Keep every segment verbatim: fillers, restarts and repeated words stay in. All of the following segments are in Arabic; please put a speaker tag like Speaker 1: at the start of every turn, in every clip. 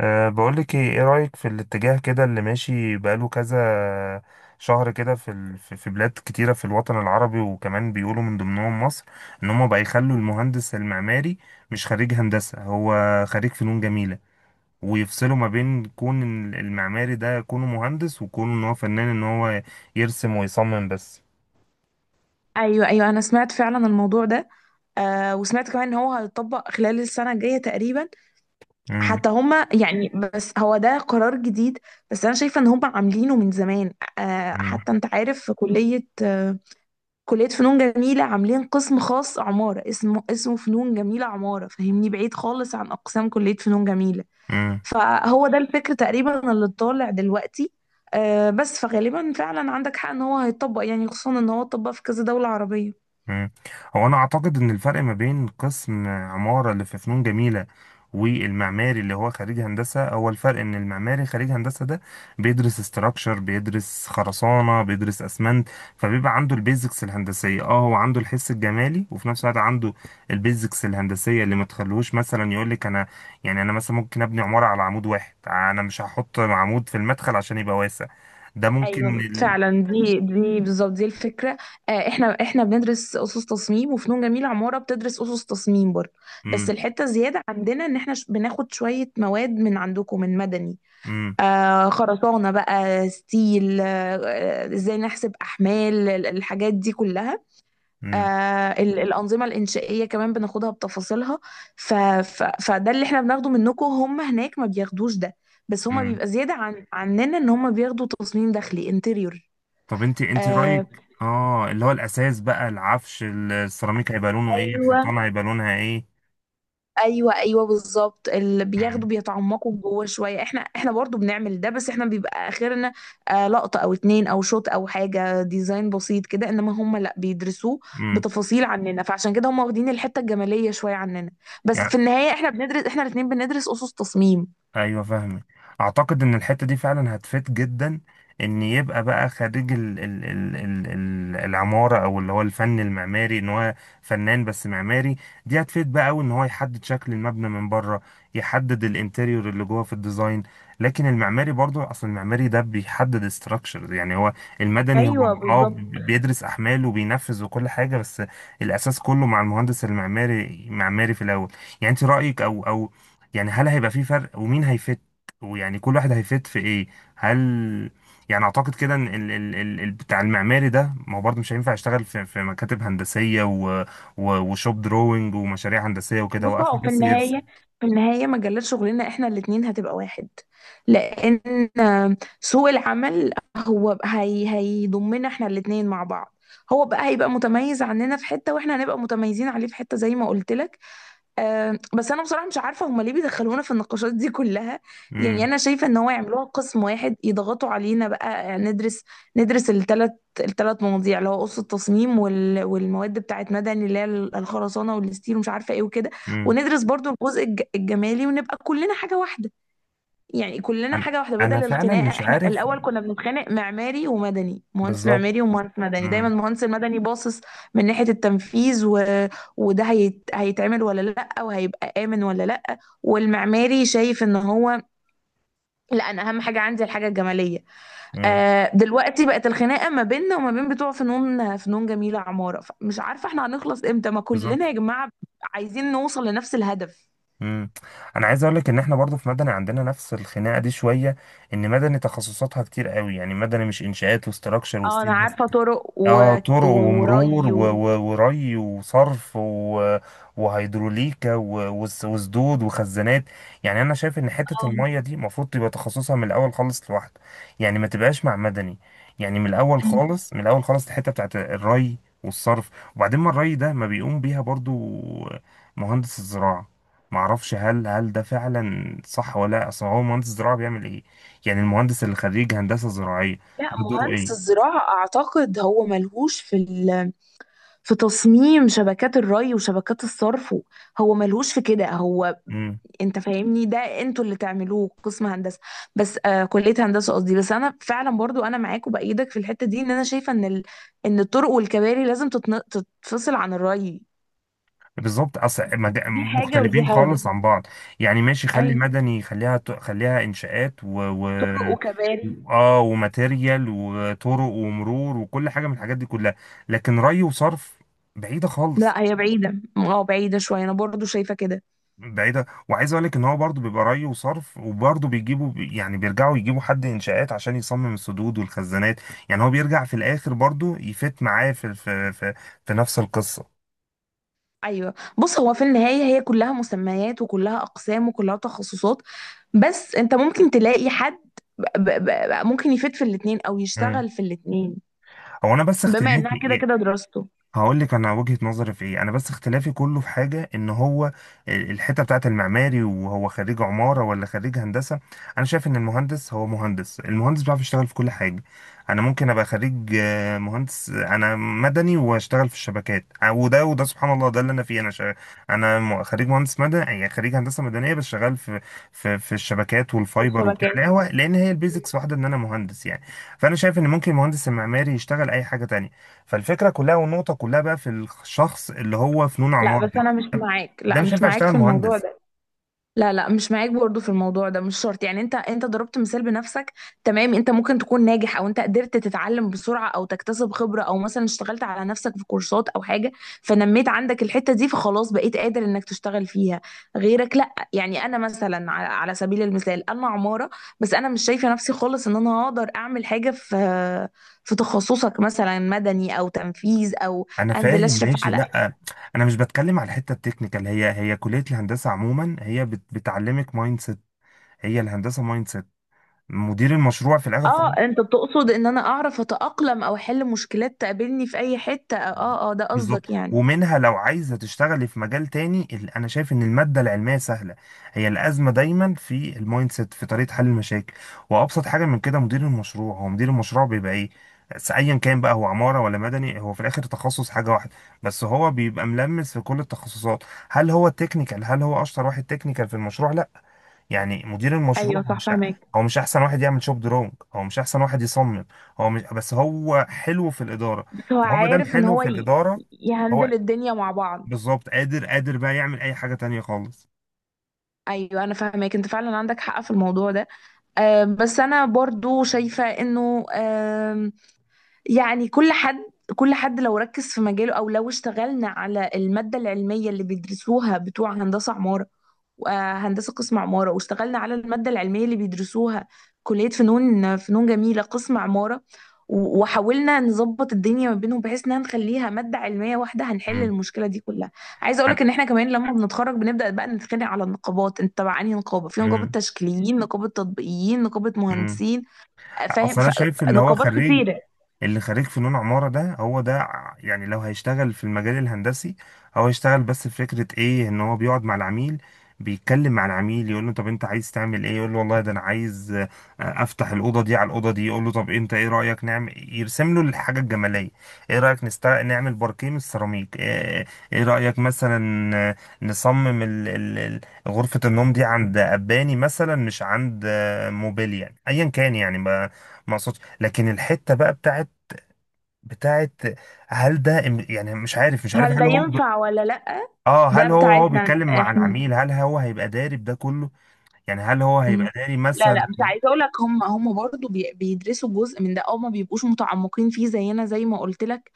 Speaker 1: أه بقولك ايه ايه رأيك في الاتجاه كده اللي ماشي بقاله كذا شهر كده في ال... في في بلاد كتيرة في الوطن العربي، وكمان بيقولوا من ضمنهم مصر ان هم بقى يخلوا المهندس المعماري مش خريج هندسة، هو خريج فنون جميلة، ويفصلوا ما بين كون إن المعماري ده كونه مهندس وكونه ان هو فنان، ان هو يرسم ويصمم بس.
Speaker 2: ايوه ايوه، انا سمعت فعلا الموضوع ده. آه، وسمعت كمان ان هو هيطبق خلال السنه الجايه تقريبا. حتى هما يعني بس هو ده قرار جديد. بس انا شايفه ان هما عاملينه من زمان. آه، حتى انت عارف في كليه، آه كليه فنون جميله عاملين قسم خاص عماره، اسمه اسمه فنون جميله عماره، فاهمني؟ بعيد خالص عن اقسام كليه فنون جميله.
Speaker 1: امم.
Speaker 2: فهو ده الفكر تقريبا اللي طالع دلوقتي. آه بس فغالبا فعلا عندك حق ان هو هيطبق، يعني خصوصا ان هو اتطبق في كذا دوله عربيه.
Speaker 1: مم. هو انا اعتقد ان الفرق ما بين قسم عمارة اللي في فنون جميلة والمعماري اللي هو خريج هندسة، هو الفرق ان المعماري خريج هندسة ده بيدرس استراكشر، بيدرس خرسانة، بيدرس اسمنت، فبيبقى عنده البيزكس الهندسية. اه هو عنده الحس الجمالي وفي نفس الوقت عنده البيزكس الهندسية اللي ما تخلوش مثلا يقول لك انا، يعني انا مثلا ممكن ابني عمارة على عمود واحد، انا مش هحط عمود في المدخل عشان يبقى واسع. ده ممكن
Speaker 2: ايوه
Speaker 1: ال...
Speaker 2: فعلا، دي دي بالظبط دي الفكره. آه، احنا احنا بندرس اسس تصميم، وفنون جميله عماره بتدرس اسس تصميم برضه. بس
Speaker 1: مم.
Speaker 2: الحته الزياده عندنا ان احنا ش- بناخد شويه مواد من عندكم من مدني.
Speaker 1: مم.
Speaker 2: آه خرسانه بقى، ستيل. آه، آه، ازاي نحسب احمال ال- الحاجات دي كلها.
Speaker 1: مم.
Speaker 2: آه ال- الانظمه الانشائيه كمان بناخدها بتفاصيلها. ف ف فده اللي احنا بناخده منكم. هم هناك ما بياخدوش ده. بس هما
Speaker 1: مم.
Speaker 2: بيبقى زياده عن عننا ان هما بياخدوا تصميم داخلي، انتريور.
Speaker 1: طب انت انت رأيك،
Speaker 2: آه
Speaker 1: اه اللي هو الأساس بقى، العفش، السيراميك هيبقى لونه ايه،
Speaker 2: ايوه
Speaker 1: الحيطان هيبقى لونها ايه.
Speaker 2: ايوه ايوه، بالظبط اللي بياخدوا
Speaker 1: امم.
Speaker 2: بيتعمقوا جوه شويه. احنا احنا برضو بنعمل ده، بس احنا بيبقى اخرنا آه لقطه او اتنين، او شوت، او حاجه ديزاين بسيط كده. انما هم لا، بيدرسوه
Speaker 1: امم.
Speaker 2: بتفاصيل عننا، فعشان كده هم واخدين الحته الجماليه شويه عننا. بس في النهايه احنا بندرس احنا الاتنين بندرس اسس تصميم.
Speaker 1: ايوه، فاهمك. اعتقد ان الحته دي فعلا هتفيد جدا، ان يبقى بقى خريج ال ال ال ال ال العماره او اللي هو الفن المعماري، ان هو فنان بس معماري. دي هتفيد بقى قوي ان هو يحدد شكل المبنى من بره، يحدد الانتريور اللي جوه في الديزاين. لكن المعماري برضو، اصل المعماري ده بيحدد ستراكشرز، يعني هو المدني. هو
Speaker 2: ايوه
Speaker 1: اه
Speaker 2: بالظبط.
Speaker 1: بيدرس احمال وبينفذ وكل حاجه، بس الاساس كله مع المهندس المعماري، معماري في الاول. يعني انت رايك، او او يعني هل هيبقى في فرق ومين هيفت، ويعني كل واحد هيفت في ايه؟ هل يعني اعتقد كده ان ال... ال... ال... ال- بتاع المعماري ده، ما هو برضه مش هينفع يشتغل في, في مكاتب هندسية و... و... وشوب دروينج ومشاريع هندسية وكده،
Speaker 2: بص،
Speaker 1: واخره
Speaker 2: هو في
Speaker 1: بس يرسم.
Speaker 2: النهاية في النهاية مجالات شغلنا احنا الاتنين هتبقى واحد، لأن سوق العمل هو ب- هي هيضمنا احنا الاتنين مع بعض. هو بقى هيبقى متميز عننا في حتة، واحنا هنبقى متميزين عليه في حتة، زي ما قلت لك. أه بس انا بصراحه مش عارفه هما ليه بيدخلونا في النقاشات دي كلها. يعني
Speaker 1: امم.
Speaker 2: انا شايفه ان هو يعملوها قسم واحد يضغطوا علينا بقى، آه، ندرس ندرس الثلاث الثلاث مواضيع، اللي هو قصه التصميم، وال... والمواد بتاعت مدني اللي هي الخرسانه والستيل ومش عارفه ايه وكده.
Speaker 1: امم.
Speaker 2: وندرس برضو الجزء الج... الجمالي، ونبقى كلنا حاجه واحده. يعني كلنا
Speaker 1: انا
Speaker 2: حاجة واحدة
Speaker 1: انا
Speaker 2: بدل
Speaker 1: فعلا
Speaker 2: الخناقة.
Speaker 1: مش
Speaker 2: احنا
Speaker 1: عارف
Speaker 2: الأول كنا بنتخانق معماري ومدني، مهندس
Speaker 1: بالظبط.
Speaker 2: معماري ومهندس مدني، دايما
Speaker 1: امم.
Speaker 2: المهندس المدني باصص من ناحية التنفيذ، و... وده هيت... هيتعمل ولا لأ، وهيبقى آمن ولا لأ، والمعماري شايف ان هو لأ، أنا أهم حاجة عندي الحاجة الجمالية.
Speaker 1: امم.
Speaker 2: آه، دلوقتي بقت الخناقة ما بيننا وما بين بتوع فنون فنون جميلة عمارة. مش عارفة احنا هنخلص امتى؟ ما كلنا
Speaker 1: بالظبط.
Speaker 2: يا جماعة عايزين نوصل لنفس الهدف.
Speaker 1: امم. انا عايز اقول لك ان احنا برضه في مدني عندنا نفس الخناقه دي شويه، ان مدني تخصصاتها كتير قوي. يعني مدني مش انشاءات وستراكشر
Speaker 2: اه انا
Speaker 1: وستيل،
Speaker 2: عارفة، طرق
Speaker 1: اه
Speaker 2: و...
Speaker 1: طرق
Speaker 2: و-
Speaker 1: ومرور
Speaker 2: وري
Speaker 1: و-
Speaker 2: و...
Speaker 1: و- وري وصرف و- وهيدروليكا و- وس- وسدود وخزانات. يعني انا شايف ان حته الميه دي المفروض تبقى تخصصها من الاول خالص لوحده، يعني ما تبقاش مع مدني. يعني من الاول
Speaker 2: آه.
Speaker 1: خالص، من الاول خالص، الحته بتاعت الري والصرف. وبعدين ما الري ده ما بيقوم بيها برضو مهندس الزراعه؟ معرفش هل هل ده فعلا صح ولا لا. اصل هو مهندس الزراعه بيعمل ايه؟ يعني المهندس اللي خريج هندسه زراعيه،
Speaker 2: لا،
Speaker 1: ده دوره
Speaker 2: مهندس الزراعة أعتقد هو ملهوش في ال... في تصميم شبكات الري وشبكات الصرف و- هو ملهوش في كده هو.
Speaker 1: ايه
Speaker 2: أنت فاهمني؟ ده أنتوا اللي تعملوه قسم هندسة، بس آه كلية هندسة قصدي. بس أنا فعلا برضو أنا معاك وبأيدك في الحتة دي، إن أنا شايفة إن ال... إن الطرق والكباري لازم تتن... تتفصل عن الري.
Speaker 1: بالظبط؟ اصل مد-
Speaker 2: دي حاجة ودي
Speaker 1: مختلفين
Speaker 2: حاجة.
Speaker 1: خالص عن بعض. يعني ماشي، خلي
Speaker 2: أيوة،
Speaker 1: مدني، خليها ت- خليها انشاءات و, و...
Speaker 2: طرق وكباري.
Speaker 1: اه وماتيريال وطرق ومرور وكل حاجه من الحاجات دي كلها، لكن ري وصرف بعيده خالص.
Speaker 2: لا، هي بعيدة، اه بعيدة شوية، أنا برضو شايفة كده.
Speaker 1: بعيده، وعايز اقول لك ان هو برضو بيبقى ري وصرف، وبرضو بيجيبوا، يعني بيرجعوا يجيبوا حد انشاءات عشان يصمم السدود والخزانات. يعني هو بيرجع في الاخر برضو يفت معاه في في في, في نفس القصه.
Speaker 2: ايوه. بص هو في النهايه هي كلها مسميات، وكلها اقسام، وكلها تخصصات. بس انت ممكن تلاقي حد ب ب ب ممكن يفيد في الاتنين او
Speaker 1: مم.
Speaker 2: يشتغل في الاتنين،
Speaker 1: هو انا بس
Speaker 2: بما انها كده
Speaker 1: اختلافي،
Speaker 2: كده دراسته.
Speaker 1: هقول لك انا وجهة نظري في ايه، انا بس اختلافي كله في حاجة ان هو ال- الحتة بتاعت المعماري، وهو خريج عمارة ولا خريج هندسة. انا شايف ان المهندس هو مهندس، المهندس بيعرف يشتغل في كل حاجة. انا ممكن ابقى خريج آه، مهندس، انا مدني واشتغل في الشبكات، آه، وده وده، سبحان الله، ده اللي انا فيه. انا شا... انا م- خريج مهندس مدني، يعني خريج هندسة مدنية، بس شغال في في في الشبكات
Speaker 2: في
Speaker 1: والفايبر وبتاع
Speaker 2: الشبكات.
Speaker 1: القهوة، لان هي البيزكس واحدة، ان انا مهندس يعني. فانا شايف ان ممكن المهندس المعماري يشتغل اي حاجة تانية. فالفكره كلها والنقطه كلها بقى في الشخص اللي هو فنون
Speaker 2: لا،
Speaker 1: عمارة
Speaker 2: بس
Speaker 1: ده،
Speaker 2: انا مش معاك.
Speaker 1: ده
Speaker 2: لا،
Speaker 1: مش
Speaker 2: مش
Speaker 1: هينفع
Speaker 2: معاك
Speaker 1: يشتغل
Speaker 2: في الموضوع
Speaker 1: مهندس.
Speaker 2: ده. لا لا، مش معاك برضو في الموضوع ده. مش شرط، يعني انت انت ضربت مثال بنفسك. تمام، انت ممكن تكون ناجح، او انت قدرت تتعلم بسرعة، او تكتسب خبرة، او مثلا اشتغلت على نفسك في كورسات او حاجة، فنميت عندك الحتة دي، فخلاص بقيت قادر انك تشتغل فيها. غيرك لا. يعني انا مثلا على على سبيل المثال انا عمارة. بس انا مش شايفة نفسي خالص ان انا هقدر اعمل حاجة في في تخصصك، مثلا مدني او تنفيذ او
Speaker 1: انا
Speaker 2: انزل
Speaker 1: فاهم،
Speaker 2: اشرف
Speaker 1: ماشي.
Speaker 2: على.
Speaker 1: لا، انا مش بتكلم على الحته التكنيكال، هي هي كليه الهندسه عموما هي بت- بتعلمك مايند سيت. هي الهندسه مايند سيت، مدير المشروع في الاخر خالص.
Speaker 2: اه، انت بتقصد ان انا اعرف اتأقلم، او احل مشكلات تقابلني في اي حتة. اه اه، ده
Speaker 1: بالظبط،
Speaker 2: قصدك يعني؟
Speaker 1: ومنها لو عايزة تشتغلي في مجال تاني. ال- أنا شايف إن المادة العلمية سهلة، هي الأزمة دايما في المايند سيت، في طريقة حل المشاكل. وأبسط حاجة من كده مدير المشروع، هو مدير المشروع بيبقى إيه؟ س- أيا كان بقى، هو عمارة ولا مدني، هو في الآخر تخصص حاجة واحدة، بس هو بيبقى ملمس في كل التخصصات. هل هو التكنيكال، هل هو أشطر واحد تكنيكال في المشروع؟ لا. يعني مدير
Speaker 2: ايوه
Speaker 1: المشروع هو
Speaker 2: صح،
Speaker 1: مش،
Speaker 2: فاهمك.
Speaker 1: هو مش احسن واحد يعمل شوب درونج، هو مش احسن واحد يصمم، هو مش، بس هو حلو في الاداره.
Speaker 2: بس هو
Speaker 1: فهو ما دام
Speaker 2: عارف ان
Speaker 1: حلو
Speaker 2: هو
Speaker 1: في
Speaker 2: ي-
Speaker 1: الاداره، هو
Speaker 2: يهندل الدنيا مع بعض.
Speaker 1: بالظبط قادر قادر بقى يعمل اي حاجه تانية خالص.
Speaker 2: ايوه انا فاهمك، انت فعلا عندك حق في الموضوع ده. آه، بس انا برضو شايفة انه آه يعني كل حد كل حد لو ركز في مجاله، او لو اشتغلنا على المادة العلمية اللي بيدرسوها بتوع هندسة عمارة، وهندسة قسم عمارة، واشتغلنا على المادة العلمية اللي بيدرسوها كلية فنون فنون جميلة قسم عمارة، و- وحاولنا نظبط الدنيا ما بينهم بحيث انها نخليها مادة علمية واحدة، هنحل
Speaker 1: امم.
Speaker 2: المشكلة دي كلها. عايزة اقولك
Speaker 1: أنا-
Speaker 2: ان احنا كمان لما بنتخرج بنبدأ بقى نتخانق على النقابات، انت تبع انهي نقابة؟ في نقابة
Speaker 1: امم.
Speaker 2: تشكيليين، نقابة تطبيقيين، نقابة
Speaker 1: امم.
Speaker 2: مهندسين. فاهم؟
Speaker 1: اصل انا
Speaker 2: ف-
Speaker 1: شايف اللي هو
Speaker 2: نقابات
Speaker 1: خريج،
Speaker 2: كتيرة.
Speaker 1: اللي خريج فنون عمارة ده، هو ده ع- يعني لو هيشتغل في المجال الهندسي، هو هيشتغل بس في فكرة ايه؟ ان هو بيقعد مع العميل، بيتكلم مع العميل، يقول له طب انت عايز تعمل ايه، يقول له والله ده انا عايز، آه، افتح الاوضه دي على الاوضه دي، يقول له طب انت ايه رايك نعمل، يرسم له الحاجه الجماليه. ايه رايك نست... نعمل باركيه من السيراميك، ايه, إيه رايك مثلا، آه، نصمم ال... ال... ال- غرفه النوم دي عند اباني مثلا مش عند، آه، موبيل يعني ايا كان، يعني ما ما اقصدش. لكن الحته بقى بتاعت بتاعت هل ده إم- يعني مش عارف، مش عارف،
Speaker 2: هل ده
Speaker 1: هل هو ب-
Speaker 2: ينفع ولا لأ؟
Speaker 1: اه
Speaker 2: ده
Speaker 1: هل هو، هو
Speaker 2: بتاعتنا
Speaker 1: بيتكلم مع
Speaker 2: احنا.
Speaker 1: العميل، هل هو هيبقى داري بده كله؟ يعني هل هو
Speaker 2: مم.
Speaker 1: هيبقى داري
Speaker 2: لا
Speaker 1: مثلا؟
Speaker 2: لا، مش عايزه اقول لك، هم هم برضو بي- بيدرسوا جزء من ده، او ما بيبقوش متعمقين فيه زينا زي ما قلت لك.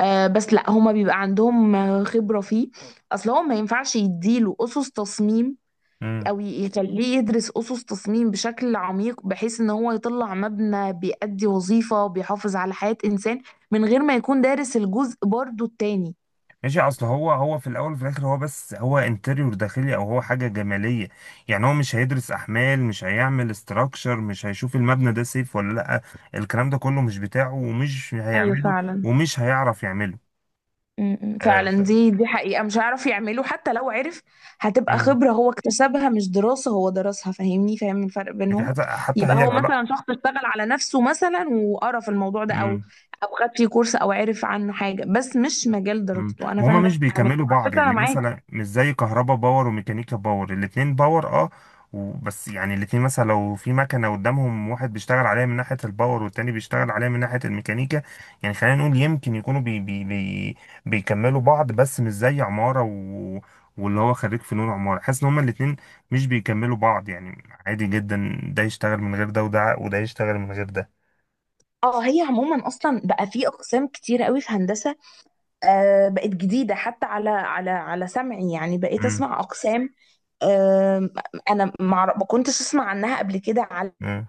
Speaker 2: آه بس لا، هم بيبقى عندهم آه، خبره فيه. اصل هو ما ينفعش يديله اسس تصميم،
Speaker 1: امم.
Speaker 2: او ي- يخليه يدرس اسس تصميم بشكل عميق، بحيث ان هو يطلع مبنى بيأدي وظيفه، بيحافظ على حياه انسان، من غير ما يكون دارس الجزء برضو التاني.
Speaker 1: ماشي، اصل هو، هو في الاول وفي الاخر هو بس، هو انتريور داخلي، او هو حاجه جماليه. يعني هو مش هيدرس احمال، مش هيعمل استراكشر، مش هيشوف المبنى ده سيف ولا لا، الكلام ده كله مش بتاعه ومش
Speaker 2: ايوه
Speaker 1: هيعمله
Speaker 2: فعلا.
Speaker 1: ومش هيعرف يعمله.
Speaker 2: أمم،
Speaker 1: آه ف...
Speaker 2: فعلا دي دي حقيقة مش هيعرف يعمله. حتى لو عرف، هتبقى
Speaker 1: مم.
Speaker 2: خبرة هو اكتسبها، مش دراسة هو درسها، فاهمني؟ فاهم الفرق
Speaker 1: دي
Speaker 2: بينهم.
Speaker 1: حتى حتى
Speaker 2: يبقى
Speaker 1: هي
Speaker 2: هو
Speaker 1: العلاقه.
Speaker 2: مثلا شخص اشتغل على نفسه مثلا وقرا في الموضوع ده، او او خد فيه كورس، او عرف عنه حاجة، بس مش مجال
Speaker 1: مم.
Speaker 2: دراسته. انا
Speaker 1: وهما
Speaker 2: فاهمك.
Speaker 1: مش
Speaker 2: فاهمك،
Speaker 1: بيكملوا
Speaker 2: وعلى
Speaker 1: بعض،
Speaker 2: فكرة انا
Speaker 1: يعني
Speaker 2: معاك.
Speaker 1: مثلا مش زي كهربا باور وميكانيكا باور، الاتنين باور، اه و- بس يعني الاتنين مثلا لو في مكنة قدامهم، واحد بيشتغل عليها من ناحية الباور والتاني بيشتغل عليها من ناحية الميكانيكا. يعني خلينا نقول يمكن يكونوا بي بي بي بيكملوا بعض، بس مش زي عمارة و... واللي هو خريج فنون عمارة حاسس ان هما الاتنين مش بيكملوا بعض، يعني عادي جدا ده يشتغل من غير ده، وده وده يشتغل من غير ده.
Speaker 2: اه، هي عموما اصلا بقى في اقسام كتير قوي في هندسة. آه، بقت جديدة حتى على على على سمعي، يعني بقيت
Speaker 1: مم.
Speaker 2: اسمع اقسام. آه انا ما أعرف- ما كنتش اسمع عنها قبل كده، على
Speaker 1: مم.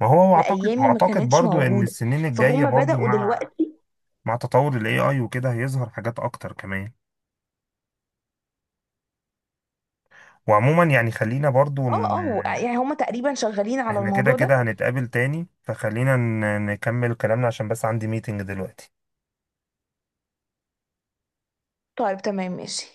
Speaker 1: ما هو اعتقد،
Speaker 2: ايامي ما
Speaker 1: واعتقد
Speaker 2: كانتش
Speaker 1: برضو ان
Speaker 2: موجوده،
Speaker 1: السنين الجايه
Speaker 2: فهم
Speaker 1: برضو
Speaker 2: بداوا
Speaker 1: مع
Speaker 2: دلوقتي.
Speaker 1: مع تطور ال إي آي وكده، هيظهر حاجات أكتر كمان. وعموما يعني خلينا برضو، ان
Speaker 2: اه اه، يعني هم تقريبا شغالين على
Speaker 1: احنا كده
Speaker 2: الموضوع ده.
Speaker 1: كده هنتقابل تاني، فخلينا ن- نكمل كلامنا عشان بس عندي ميتنج دلوقتي.
Speaker 2: طيب تمام ماشي.